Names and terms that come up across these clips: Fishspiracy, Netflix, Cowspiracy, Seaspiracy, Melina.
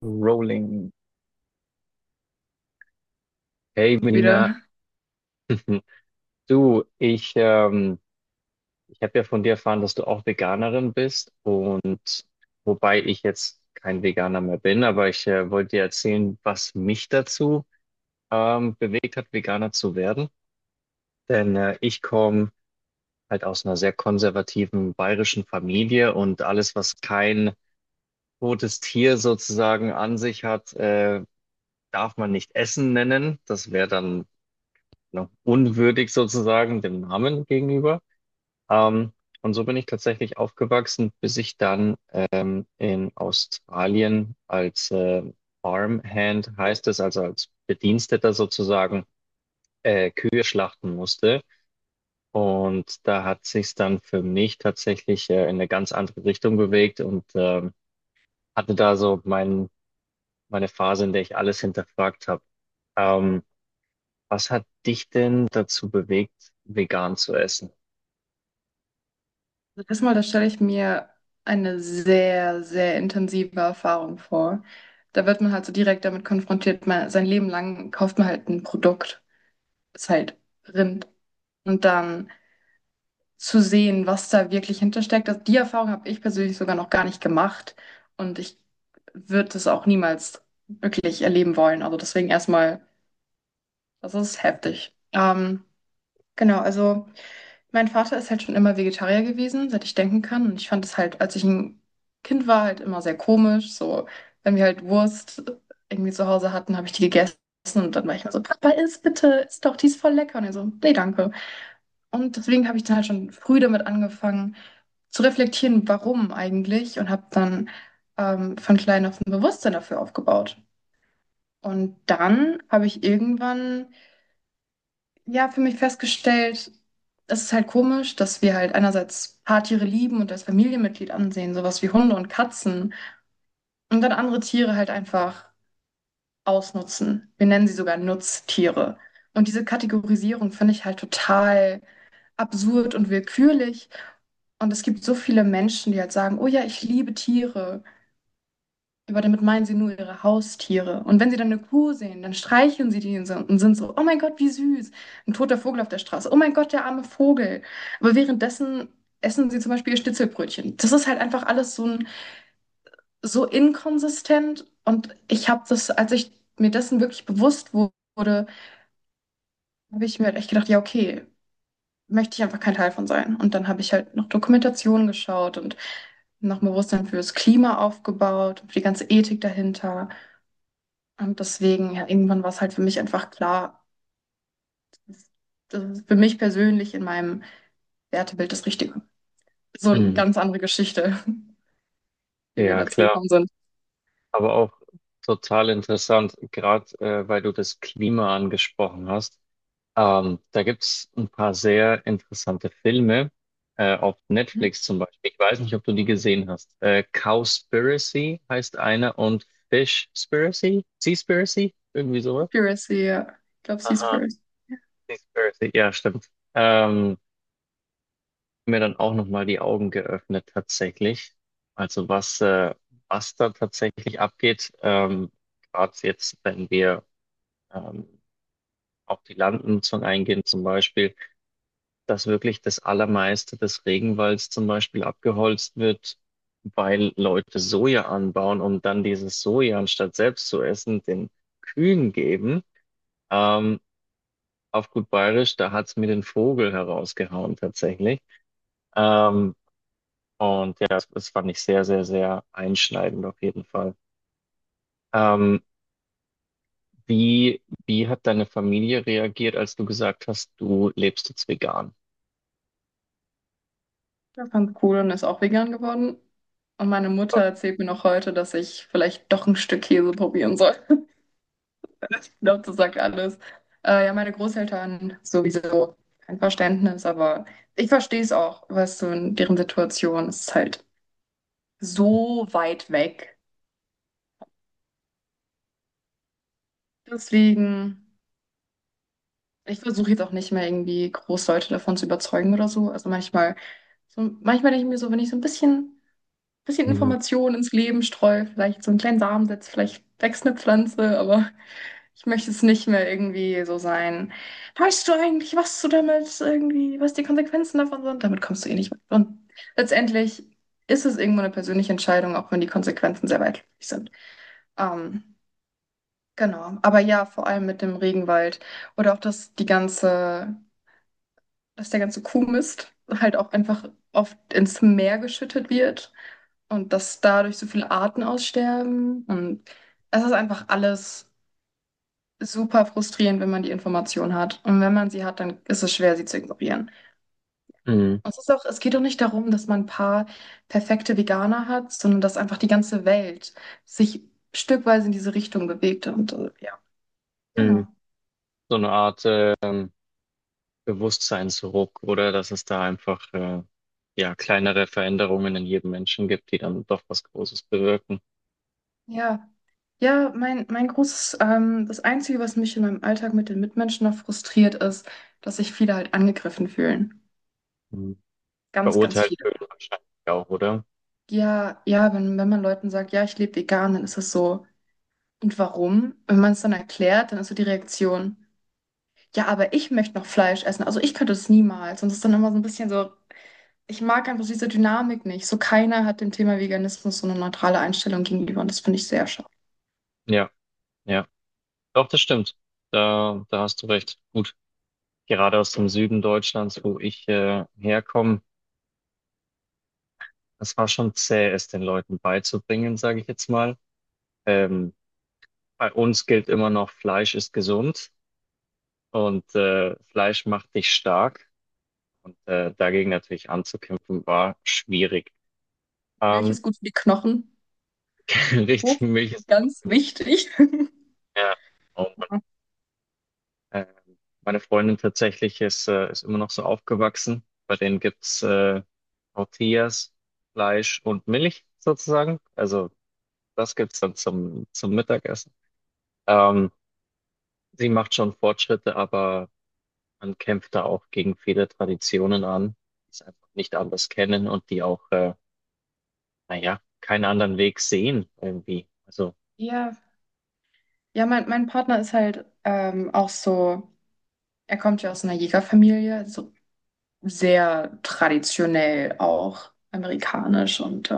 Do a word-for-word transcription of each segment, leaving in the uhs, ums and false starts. Rolling. Hey Melina, Wieder. du, ich, ähm, ich habe ja von dir erfahren, dass du auch Veganerin bist. Und wobei ich jetzt kein Veganer mehr bin, aber ich äh, wollte dir erzählen, was mich dazu ähm, bewegt hat, Veganer zu werden. Denn äh, ich komme halt aus einer sehr konservativen bayerischen Familie, und alles, was kein totes Tier sozusagen an sich hat, äh, darf man nicht Essen nennen. Das wäre dann ne, unwürdig sozusagen dem Namen gegenüber. Ähm, und so bin ich tatsächlich aufgewachsen, bis ich dann ähm, in Australien als äh, Farmhand, heißt es, also als Bediensteter sozusagen, äh, Kühe schlachten musste. Und da hat sich's dann für mich tatsächlich äh, in eine ganz andere Richtung bewegt, und ähm, hatte da so mein, meine Phase, in der ich alles hinterfragt habe. Ähm, was hat dich denn dazu bewegt, vegan zu essen? Also erstmal, da stelle ich mir eine sehr, sehr intensive Erfahrung vor. Da wird man halt so direkt damit konfrontiert, man, sein Leben lang kauft man halt ein Produkt, ist halt Rind. Und dann zu sehen, was da wirklich hintersteckt, das, die Erfahrung habe ich persönlich sogar noch gar nicht gemacht. Und ich würde es auch niemals wirklich erleben wollen. Also deswegen erstmal, das ist heftig. Ähm, genau, also. Mein Vater ist halt schon immer Vegetarier gewesen, seit ich denken kann. Und ich fand es halt, als ich ein Kind war, halt immer sehr komisch. So, wenn wir halt Wurst irgendwie zu Hause hatten, habe ich die gegessen. Und dann war ich immer so, Papa, iss bitte, iss doch, die ist voll lecker. Und er so, nee, danke. Und deswegen habe ich dann halt schon früh damit angefangen zu reflektieren, warum eigentlich. Und habe dann ähm, von klein auf ein Bewusstsein dafür aufgebaut. Und dann habe ich irgendwann ja, für mich festgestellt, es ist halt komisch, dass wir halt einerseits Paartiere lieben und als Familienmitglied ansehen, sowas wie Hunde und Katzen, und dann andere Tiere halt einfach ausnutzen. Wir nennen sie sogar Nutztiere. Und diese Kategorisierung finde ich halt total absurd und willkürlich. Und es gibt so viele Menschen, die halt sagen, oh ja, ich liebe Tiere. Aber damit meinen sie nur ihre Haustiere. Und wenn sie dann eine Kuh sehen, dann streicheln sie die so und sind so, oh mein Gott, wie süß. Ein toter Vogel auf der Straße. Oh mein Gott, der arme Vogel. Aber währenddessen essen sie zum Beispiel ihr Schnitzelbrötchen. Das ist halt einfach alles so, ein, so inkonsistent. Und ich habe das, als ich mir dessen wirklich bewusst wurde, habe ich mir halt echt gedacht, ja, okay, möchte ich einfach kein Teil von sein. Und dann habe ich halt noch Dokumentationen geschaut und noch ein Bewusstsein fürs Klima aufgebaut, für die ganze Ethik dahinter. Und deswegen, ja, irgendwann war es halt für mich einfach klar, das ist für mich persönlich in meinem Wertebild das Richtige. So eine Mhm. ganz andere Geschichte, wie wir Ja, dazu klar. gekommen sind. Aber auch total interessant, gerade äh, weil du das Klima angesprochen hast. Ähm, da gibt's ein paar sehr interessante Filme äh, auf Mhm. Netflix zum Beispiel. Ich weiß nicht, ob du die gesehen hast. Äh, Cowspiracy heißt einer und Fishspiracy? Seaspiracy? Irgendwie sowas? Piracy, ja. Ich glaube, sie ist Aha, first. Seaspiracy, ja, stimmt. Ähm, mir dann auch nochmal die Augen geöffnet tatsächlich. Also was, äh, was da tatsächlich abgeht, ähm, gerade jetzt, wenn wir ähm, auf die Landnutzung eingehen zum Beispiel, dass wirklich das Allermeiste des Regenwalds zum Beispiel abgeholzt wird, weil Leute Soja anbauen und dann dieses Soja, anstatt selbst zu essen, den Kühen geben. Ähm, auf gut Bayerisch, da hat's mir den Vogel herausgehauen tatsächlich. Ähm, Und ja, das, das fand ich sehr, sehr, sehr einschneidend auf jeden Fall. Ähm, wie, wie hat deine Familie reagiert, als du gesagt hast, du lebst jetzt vegan? Ich fand cool und ist auch vegan geworden. Und meine Mutter Okay. erzählt mir noch heute, dass ich vielleicht doch ein Stück Käse probieren soll. Ich glaube, das sagt alles. Äh, ja, meine Großeltern sowieso kein Verständnis, aber ich verstehe es auch, weißt du, in deren Situation ist es halt so weit weg. Deswegen, ich versuche jetzt auch nicht mehr irgendwie groß Leute davon zu überzeugen oder so. Also manchmal, so, manchmal denke ich mir so, wenn ich so ein bisschen, bisschen Mhm. Informationen ins Leben streue, vielleicht so einen kleinen Samen setze, vielleicht wächst eine Pflanze, aber ich möchte es nicht mehr irgendwie so sein. Weißt du eigentlich, was du damit irgendwie, was die Konsequenzen davon sind? Damit kommst du eh nicht mit. Und letztendlich ist es irgendwo eine persönliche Entscheidung, auch wenn die Konsequenzen sehr weitläufig sind. Ähm, Genau, aber ja, vor allem mit dem Regenwald oder auch, dass die ganze, dass der ganze Kuhmist halt auch einfach oft ins Meer geschüttet wird und dass dadurch so viele Arten aussterben und es ist einfach alles super frustrierend, wenn man die Information hat und wenn man sie hat, dann ist es schwer, sie zu ignorieren. Mhm. Und es ist auch, es geht auch nicht darum, dass man ein paar perfekte Veganer hat, sondern dass einfach die ganze Welt sich stückweise in diese Richtung bewegt und äh, ja, genau. Mhm. So eine Art ähm, Bewusstseinsruck, oder dass es da einfach äh, ja, kleinere Veränderungen in jedem Menschen gibt, die dann doch was Großes bewirken. Ja. Ja, mein, mein großes, ähm, das Einzige, was mich in meinem Alltag mit den Mitmenschen noch frustriert, ist, dass sich viele halt angegriffen fühlen. Mhm. Ganz, ganz Verurteilt viele. fühlen wahrscheinlich auch, oder? Ja, ja, wenn, wenn man Leuten sagt, ja, ich lebe vegan, dann ist das so. Und warum? Wenn man es dann erklärt, dann ist so die Reaktion, ja, aber ich möchte noch Fleisch essen. Also ich könnte es niemals. Und es ist dann immer so ein bisschen so. Ich mag einfach diese Dynamik nicht. So keiner hat dem Thema Veganismus so eine neutrale Einstellung gegenüber und das finde ich sehr schade. Ja, ja. Doch, das stimmt. Da, da hast du recht. Gut. Gerade aus dem Süden Deutschlands, wo ich äh, herkomme, das war schon zäh, es den Leuten beizubringen, sage ich jetzt mal. Ähm, Bei uns gilt immer noch, Fleisch ist gesund und äh, Fleisch macht dich stark. Und äh, dagegen natürlich anzukämpfen, war schwierig. Milch Ähm, ist gut für die Knochen. Oh, richtig, Milch ist ganz nicht wichtig. mehr. Oh Mann. Ähm, Meine Freundin tatsächlich ist, äh, ist immer noch so aufgewachsen. Bei denen gibt's äh, Tortillas, Fleisch und Milch sozusagen. Also das gibt's dann zum, zum Mittagessen. Ähm, Sie macht schon Fortschritte, aber man kämpft da auch gegen viele Traditionen an, die es einfach nicht anders kennen und die auch, äh, naja, keinen anderen Weg sehen irgendwie. Also, Ja, ja, mein, mein Partner ist halt ähm, auch so, er kommt ja aus einer Jägerfamilie, so sehr traditionell auch amerikanisch und äh,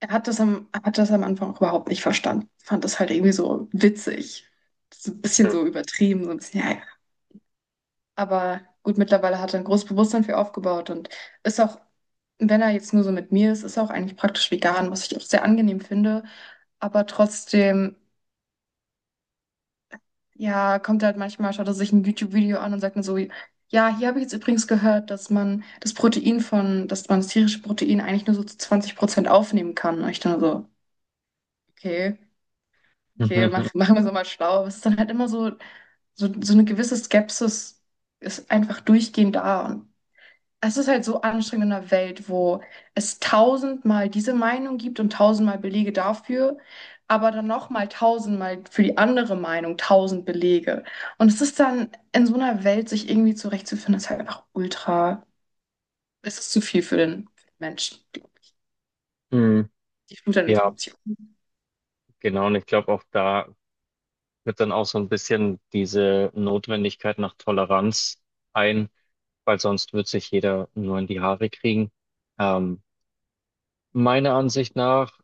er hat das am, hat das am Anfang auch überhaupt nicht verstanden. Fand das halt irgendwie so witzig. So ein bisschen so übertrieben, so ein bisschen, ja, ja. Aber gut, mittlerweile hat er ein großes Bewusstsein für aufgebaut und ist auch, wenn er jetzt nur so mit mir ist, ist er auch eigentlich praktisch vegan, was ich auch sehr angenehm finde. Aber trotzdem ja, kommt halt manchmal, schaut er sich ein YouTube-Video an und sagt dann so, ja, hier habe ich jetzt übrigens gehört, dass man das Protein von, dass man das tierische Protein eigentlich nur so zu zwanzig Prozent aufnehmen kann. Und ich dann so, okay, okay, mach, machen wir so mal schlau. Aber es ist dann halt immer so, so, so eine gewisse Skepsis ist einfach durchgehend da. Und es ist halt so anstrengend in einer Welt, wo es tausendmal diese Meinung gibt und tausendmal Belege dafür, aber dann nochmal tausendmal für die andere Meinung tausend Belege. Und es ist dann in so einer Welt, sich irgendwie zurechtzufinden, ist halt einfach ultra. Es ist zu viel für den Menschen. Die hm, die Flut an ja, Informationen. genau. Und ich glaube, auch da wird dann auch so ein bisschen diese Notwendigkeit nach Toleranz ein, weil sonst wird sich jeder nur in die Haare kriegen. Ähm, Meiner Ansicht nach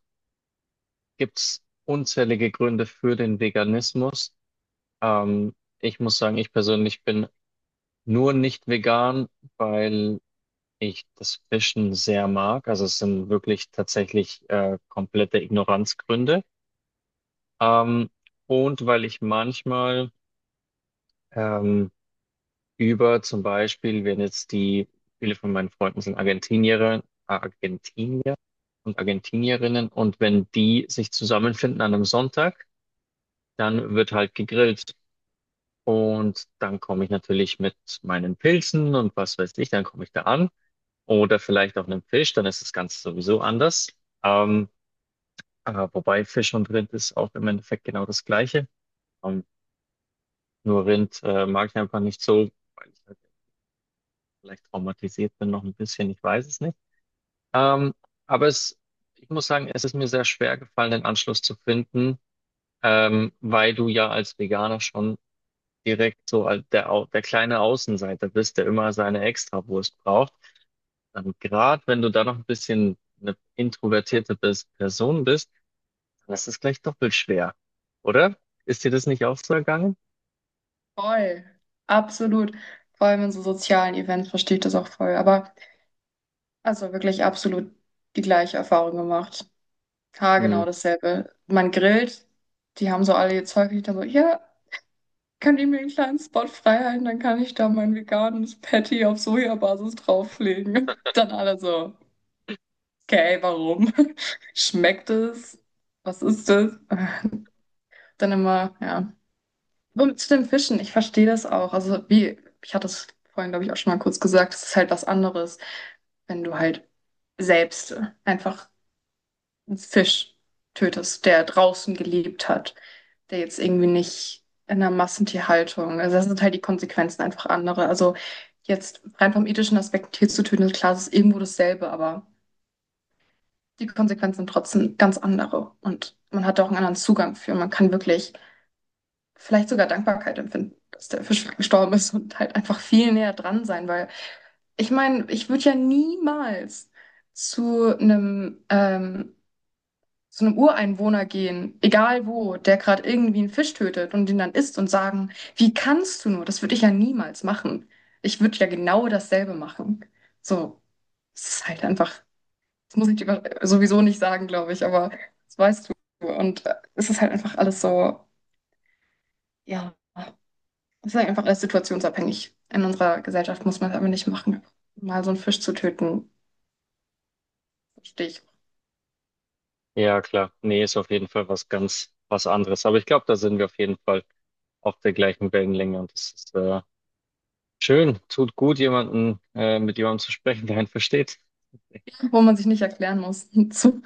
gibt es unzählige Gründe für den Veganismus. Ähm, Ich muss sagen, ich persönlich bin nur nicht vegan, weil ich das Fischen sehr mag. Also es sind wirklich tatsächlich äh, komplette Ignoranzgründe. Ähm, und weil ich manchmal ähm, über zum Beispiel, wenn jetzt die, viele von meinen Freunden sind Argentinier, Argentinier und Argentinierinnen und wenn die sich zusammenfinden an einem Sonntag, dann wird halt gegrillt. Und dann komme ich natürlich mit meinen Pilzen und was weiß ich, dann komme ich da an. Oder vielleicht auch einem Fisch, dann ist das Ganze sowieso anders. Ähm, äh, wobei Fisch und Rind ist auch im Endeffekt genau das Gleiche. Ähm, nur Rind äh, mag ich einfach nicht so, weil ich halt vielleicht traumatisiert bin noch ein bisschen, ich weiß es nicht. Ähm, aber es, ich muss sagen, es ist mir sehr schwer gefallen, den Anschluss zu finden, ähm, weil du ja als Veganer schon direkt so als der, Au- der kleine Außenseiter bist, der immer seine Extrawurst braucht, dann, gerade wenn du da noch ein bisschen eine introvertierte Pers- Person bist, dann ist es gleich doppelt schwer, oder? Ist dir das nicht auch so ergangen? Voll. Absolut. Vor allem in so sozialen Events verstehe ich das auch voll. Aber also wirklich absolut die gleiche Erfahrung gemacht. Ja, Hm. genau dasselbe. Man grillt, die haben so alle ihr Zeug nicht, dann so, ja, könnt ihr mir einen kleinen Spot freihalten, dann kann ich da mein veganes Patty auf Sojabasis drauflegen. Dann alle so, okay, warum? Schmeckt es? Was ist das? Dann immer, ja. Und zu den Fischen, ich verstehe das auch. Also wie, ich hatte es vorhin, glaube ich, auch schon mal kurz gesagt, es ist halt was anderes, wenn du halt selbst einfach einen Fisch tötest, der draußen gelebt hat, der jetzt irgendwie nicht in einer Massentierhaltung. Also das sind halt die Konsequenzen einfach andere. Also jetzt rein vom ethischen Aspekt ein Tier zu töten, ist klar, es ist irgendwo dasselbe, aber die Konsequenzen sind trotzdem ganz andere. Und man hat da auch einen anderen Zugang für. Man kann wirklich vielleicht sogar Dankbarkeit empfinden, dass der Fisch gestorben ist und halt einfach viel näher dran sein, weil ich meine, ich würde ja niemals zu einem ähm, zu einem Ureinwohner gehen, egal wo, der gerade irgendwie einen Fisch tötet und den dann isst und sagen, wie kannst du nur? Das würde ich ja niemals machen. Ich würde ja genau dasselbe machen. So, es ist halt einfach, das muss ich dir über- sowieso nicht sagen, glaube ich, aber das weißt du. Und äh, es ist halt einfach alles so, ja, es ist halt einfach alles situationsabhängig. In unserer Gesellschaft muss man es aber nicht machen. Mal so einen Fisch zu töten, verstehe ich, Ja, klar. Nee, ist auf jeden Fall was ganz was anderes. Aber ich glaube, da sind wir auf jeden Fall auf der gleichen Wellenlänge, und das ist äh, schön. Tut gut, jemanden äh, mit jemandem zu sprechen, der einen versteht. wo man sich nicht erklären muss. So.